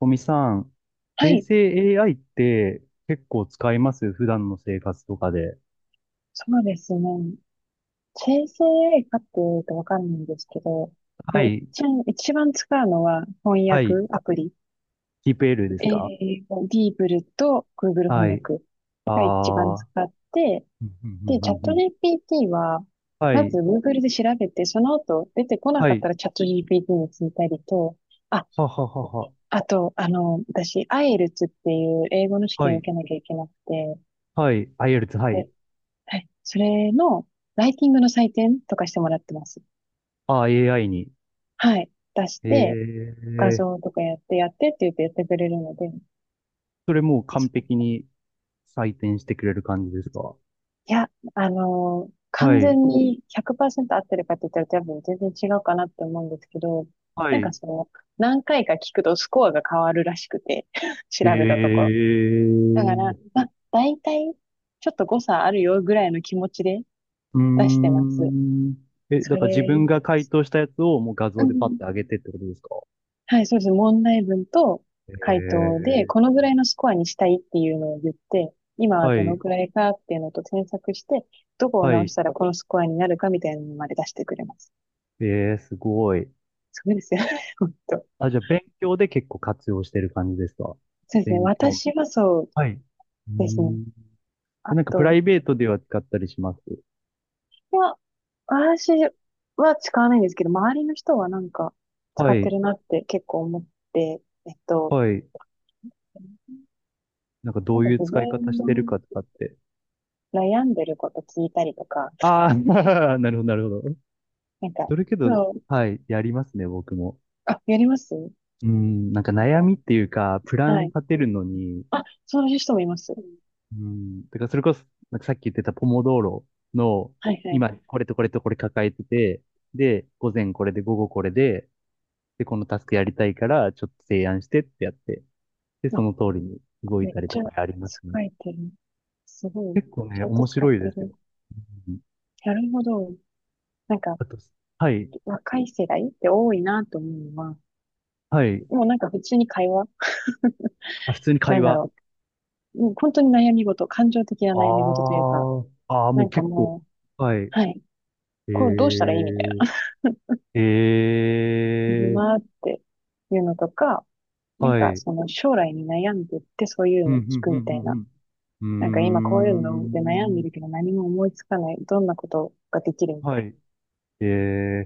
小見さん、は生い、成 AI って結構使います、普段の生活とかで？そうですね。生成 AI かっていうとわかんないんですけど、はもうい。一番使うのは翻はい。訳アプリ。キープ L ですか？ディーブルと Google 翻はい。訳あが一番あ。使って、うんうんうで、チャッんうんうト ん。 GPT は、はまず い。Google で調べて、その後出てこなはかったい。らチャット GPT に聞いたりと、あ、はははは。あと、私、IELTS っていう英語の試は験をい。受けなきゃいけなくて、はい。IELTS、はい。で、はい、それのライティングの採点とかしてもらってます。ああ、AI に。はい、出しえて、画え。像とかやってやってって言ってやってくれるので、それもう完そう璧に採点してくれる感じですか？いや、は完い。全に100%合ってるかって言ったら多分全然違うかなって思うんですけど、はなんかい。その、何回か聞くとスコアが変わるらしくて、調えべたところ。だから、え。まあ、大体、ちょっと誤差あるよぐらいの気持ちでうー出してます。ん。え、そだから自れ、分が回答したやつをもう画う像でパッんて上げてってことですか？はい、そうです。問題文と回答で、こええ。のぐらいのスコアにしたいっていうのを言って、今ははどのい、くらいかっていうのと添削して、どこをは直しい。たらこのスコアになるかみたいなのまで出してくれます。ええすごい。そうですよね。本当。あ、じゃあ勉強で結構活用してる感じですか？そうですね。勉強。私はそうはい。うーですね。ん。え、あなんかプラとイベートでは使ったりします？は、私は使わないんですけど、周りの人はなんか使はってい、るなって結構思って、えっと、はい。なんかどなんうかいう自使い方分してるのかとかって。悩んでること聞いたりとか、ああ、なるほど、なるほど。なんか、それけど、そう、はい、やりますね、僕も。あ、やりますうん、なんか悩みっかていうか、プラはンい。立てるのに、あ、そういう人もいます。うん。だからそれこそ、なんかさっき言ってたポモドーロの、はいはい。今これとこれとこれ抱えてて、で、午前これで午後これで、で、このタスクやりたいから、ちょっと提案してってやって、で、そあ、の通りに動いめったりとちゃかありますね。使えてる。すごい。結構ちね、ゃんと面使っ白いてですよ。る。うん。なるほど。なんか、あと、はい、若い世代って多いなと思うのは、はい。もうなんか普通に会話、あ、普通にな会んだ話。ろう。もう本当に悩み事、感情的なあ悩み事というか、あ、あーもなうんか結構。もはい。う、はい。えこうどうしたらいいみたいな。ー、え今っていうのとか、ー、なんはかい。その将来に悩んでってそういううのん、を聞くみたいな。うん、うん、うなんか今こういうので悩んん。でうーん。るけど何も思いつかない。どんなことができるみたはいい。え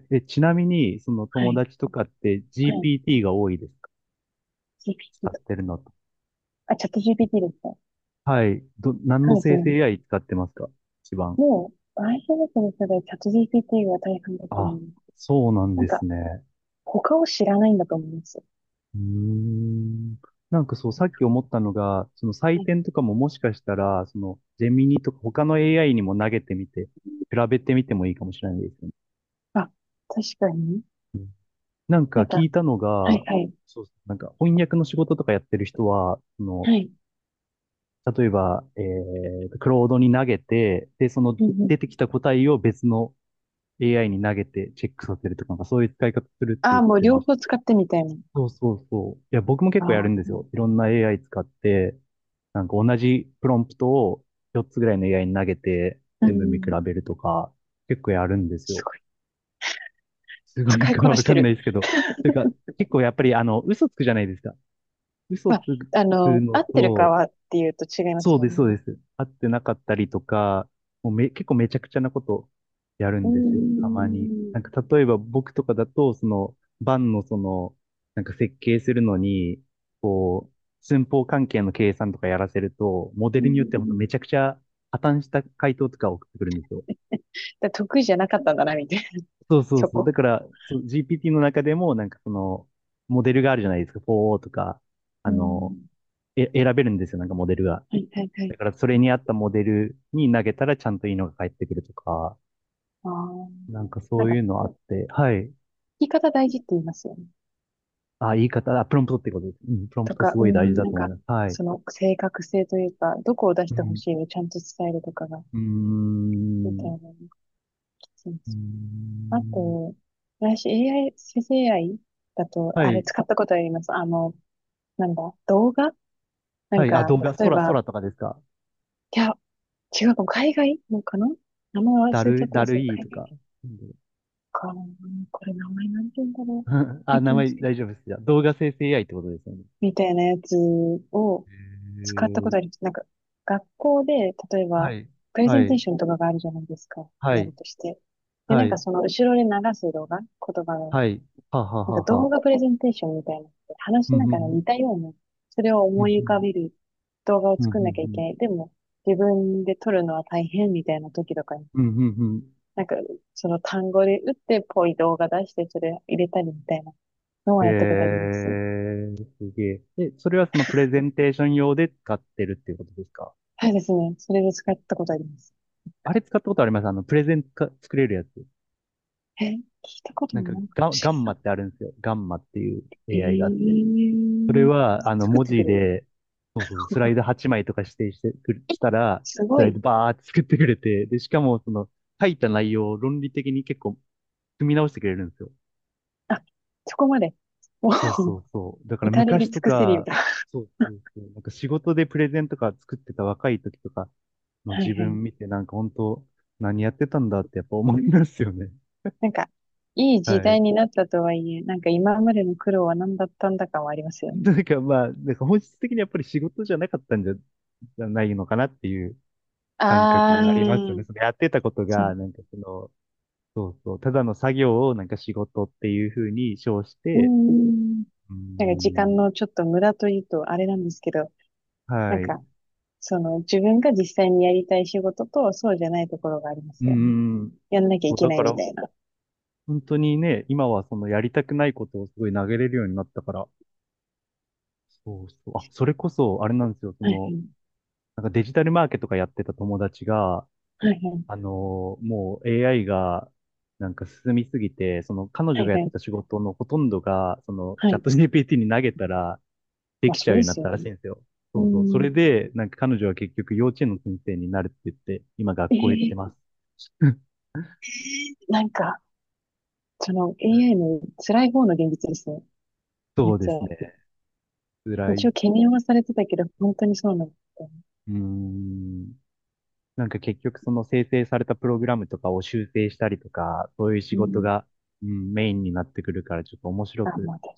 ー、え、ちなみに、そのな。は友い。達とかって はい。GPT が多いですか？使っ GPT と。てるのと。あ、チャット GPT ですね。はい。ど、何そうのです生成 ね。AI 使ってますか、一番？もう、i p の世代チャット GPT が大半だとあ、思う。そうなんなんでか、すね。他を知らないんだと思いますうーん。なんかそう、さっき思ったのが、その採はい。点とかももしかしたら、その、ジェミニとか他の AI にも投げてみて、比べてみてもいいかもしれないですよね。あ、確かに。なんかなんか、聞いたのはいが、はい。そう、なんか翻訳の仕事とかやってる人は、そはの、い。例えば、クロードに投げて、で、そのうんう出ん。てきた答えを別の AI に投げてチェックさせるとか、なんかそういう使い方するってあ言っあ、もうてま両した。方使ってみたいな。そうそうそう。いや、僕も結構やあるんですよ。あ。いろんな AI 使って、なんか同じプロンプトを4つぐらいの AI に投げて、う全部見比ん。べるとか、結構やるんですすよ。ごい。すごい使いか こなわしかてんないる。ですけど。というか、結構やっぱりあの、嘘つくじゃないですか。嘘まあ、つくあの、の合ってるかと、はっていうと違いまそすうもでんす、そうね。です。会ってなかったりとか、もうめ、結構めちゃくちゃなことやるうんーですよ、たまに。なん。んか例えば僕とかだと、その、バンのその、なんか設計するのに、こう、寸法関係の計算とかやらせると、モデうんうルによってんはう本当めちゃん。くちゃ破綻した回答とか送ってくるんですよ。だ得意じゃなかったんだな、みたいな、そうそうそそう。こ。だから、そう GPT の中でも、なんかその、モデルがあるじゃないですか、4O とか、あうの、ん。え、選べるんですよ、なんかモデルが。はいはいはい。だからそれに合ったモデルに投げたらちゃんといいのが返ってくるとか、ああ。なんかなんそうか、聞いうのあって、はい。き方大事って言いますよね。あ、言い方、あ、プロンプトってことです。うん、プロンプとトか、すうごい大事んだなんと思いか、ます。はい。その正確性というか、どこを出しうてほん。しいをちゃんと伝えるとかが、うーみたいなん。のもきついんでうーすよ。あん。と、私 AI、生成 AI だと、はあれい。使ったことあります。なんだ、動画なはんい。あ、か、動画、例え空、ば、空とかですか？いや、違うかも、海外のかな名前忘れちゃったんだでするけど、い海と外。か。うん。 か、これ名前なんて言うんだろう。あ、最名近です前けど。大丈夫です。じゃあ、動画生成 AI ってことですよね。みたいなやつをへ使ったことありー。ます。なんか、学校で、例えはば、い。プレゼはンテーい。ションとかがあるじゃないですか。はやい。るとして。で、なはんかい。その後ろで流す動画、言葉の、はい。ははなんはか動は。画プレゼンテーションみたいなのって話うんしなうがら似んたような、それをうん。思うい浮かべんる動画をうんうんう作んなきゃいけん。ない。でも、自分で撮るのは大変みたいな時とかにうん、うん、うなんか、その単語で打ってぽい動画出して、それ入れたりみたいなのん。はやったことあります。えー、すげえ。え、それはそのプレゼンテーション用で使ってるっていうことですか？はいですね。それで使ったことあります。あれ使ったことあります、あの、プレゼンか作れるやつ。え、聞いたことなんもかないかもガ、しガれンマなってあるんですよ。ガンマっていう AI があって。それい。えー、は、あの、作っ文てく字れるで、そうそう、スライド8枚とか指定してくる、したら、すスごライドい。バーって作ってくれて、で、しかもその、書いた内容を論理的に結構、組み直してくれるんですよ。あ、そこまで。もそうう、そうそう。だから至れ昔りと尽くせりか、だそうそうそう。なんか仕事でプレゼンとか作ってた若い時とかのは自いはい。分見て、なんか本当、何やってたんだってやっぱ思いますよね。なんか、いい 時はい。代になったとはいえ、なんか今までの苦労は何だったんだかはありますよね。なんかまあ、なんか本質的にやっぱり仕事じゃないのかなっていう感覚あがありますよあ、ね。そのやってたことそが、う。なんかその、そうそう、ただの作業をなんか仕事っていうふうに称しうーて、ん。うーなんか時間ん、のちょっと無駄というとあれなんですけど、なんはい。うか、その、自分が実際にやりたい仕事と、そうじゃないところがありますーよね。ん。やんなきゃいそう、けだなかいみらたいな。本当にね、今はそのやりたくないことをすごい投げれるようになったから、そうそう。あ、それこそ、あれなんですよ、そはの、いなんかデジタルマーケとかやってた友達が、はい、はいもう AI が、なんか進みすぎて、その彼は女い、がやはっいてはい、た仕事のほとんどが、そのはチャッい。ト GPT に投げたらでまあ、きちゃそううようでになすったよらしね。いんですよ。うそうそう。そん。れで、なんか彼女は結局幼稚園の先生になるって言って、今学え校行ってー、ます。なんか、その AI の辛い方の現実ですね。めそっうちでゃ。すね。辛い。一応う懸念はされてたけど、本当にそうなんだったね。ーん。なんか結局その生成されたプログラムとかを修正したりとか、そういう仕う事ん。が、うん、メインになってくるからちょっと面白あ、くまあ、確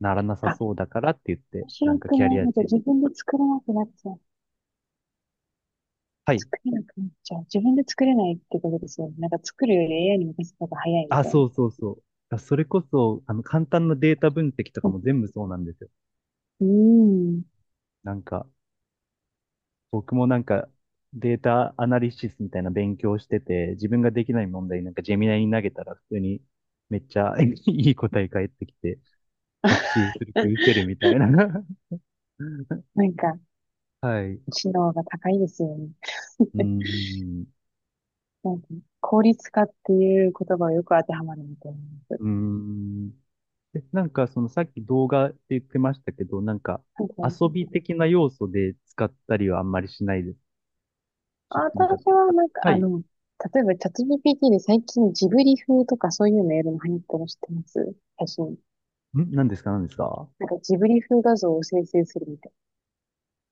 ならなさかに。あ、そうだからって言って、面な白んかくキャなリいアのでチェンジ。自分で作れなくなっちゃう。はい。作れなくなっちゃう。自分で作れないってことですよね。なんか作るより AI に任せた方が早いみあ、たいな。そうそうそう。だそれこそ、あの、簡単なデータ分析とかも全部そうなんですよ。うん。なんか、僕もなんか、データアナリシスみたいな勉強してて、自分ができない問題なんかジェミナイに投げたら普通にめっちゃ いい答え返ってきて、学習する気失せるみ たいな なんか、はい。知能が高いですよね。うーん。なんか、効率化っていう言葉をよく当てはまるみと思います。うーん。え、なんかそのさっき動画って言ってましたけど、なんかなんか、遊び的な要素で使ったりはあんまりしないです？ちょっとなんか、私はあ、なんか、はい。ん、例えばチャット GPT で最近ジブリ風とかそういうメールも流行ってるの知ってます写真。何ですか？何ですか？なんかジブリ風画像を生成するみたい。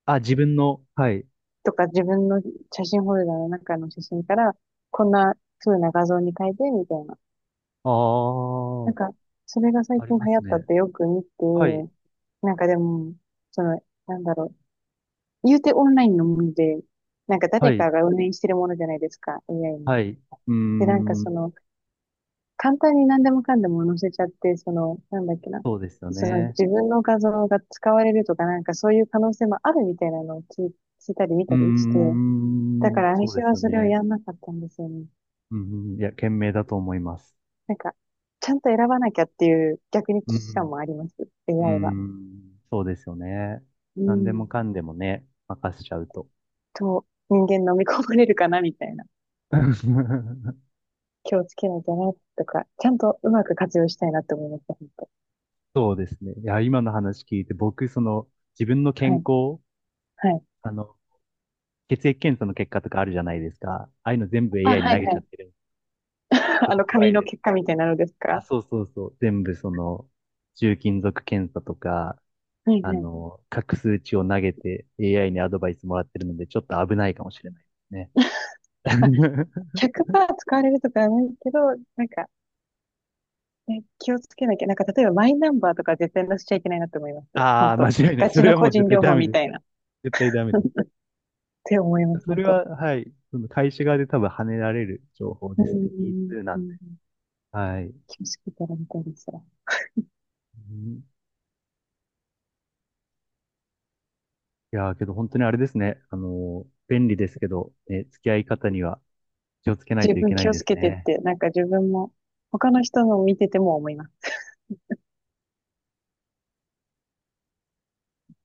あ、自分の、はい。とか自分の写真フォルダの中の写真からこんな風な画像に変えてみたいな。ああ、なんか、それが最あり近ま流行すったっね。てよく見て、はい。なんかでも、その、なんだろう。言うてオンラインのもので、なんかは誰い。かが運営してるものじゃないですか、AI に。はい。うーで、なんかそん。の、簡単に何でもかんでも載せちゃって、その、なんだっけな、そうですよそのね。自分の画像が使われるとか、なんかそういう可能性もあるみたいなのを聞いたり見うーたりして、だかん。らそう私ですはよそれをね。やんなかったんですよね。うんうん。いや、賢明だと思います。なんか、ちゃんと選ばなきゃっていう逆に危う機感んもあります、うん。うー AI は。ん、そうですよね。う何でん。もかんでもね、任せちゃうと。と、人間飲み込まれるかなみたいな。気をつけないとな、とか、ちゃんとうまく活用したいなって思いました、本当。そうですね。いや、今の話聞いて、僕、その、自分の健はい、康、はい。あの、血液検査の結果とかあるじゃないですか。ああいうの全部 あ、AI には投い、げはちゃっい。てる。ちょっあとの、怖紙いのです。結果みたいなのですあ、かそうそうそう。全部その、重金属検査とか、はいあはい。の、各数値を投げて AI にアドバイスもらってるので、ちょっと危ないかもしれないですね。100%使われるとかはないけど、なんか、ね、気をつけなきゃ。なんか、例えばマイナンバーとか絶対載せちゃいけないなって思います。あ本あ、間当。違いない。ガそチれのはも個う絶人対情ダ報メみです。たいな。絶対ダメ です。って思います、そ本れ当。は、はい。その会社側で多分跳ねられる情報うですね。ん。P2 なうんんで。はい。気をつけたらみたいですわ。うん。いやー、けど本当にあれですね。便利ですけど、ね、付き合い方には気をつけない十といけ分ない気をでつすけてっね。て、なんか自分も、他の人の見てても思います。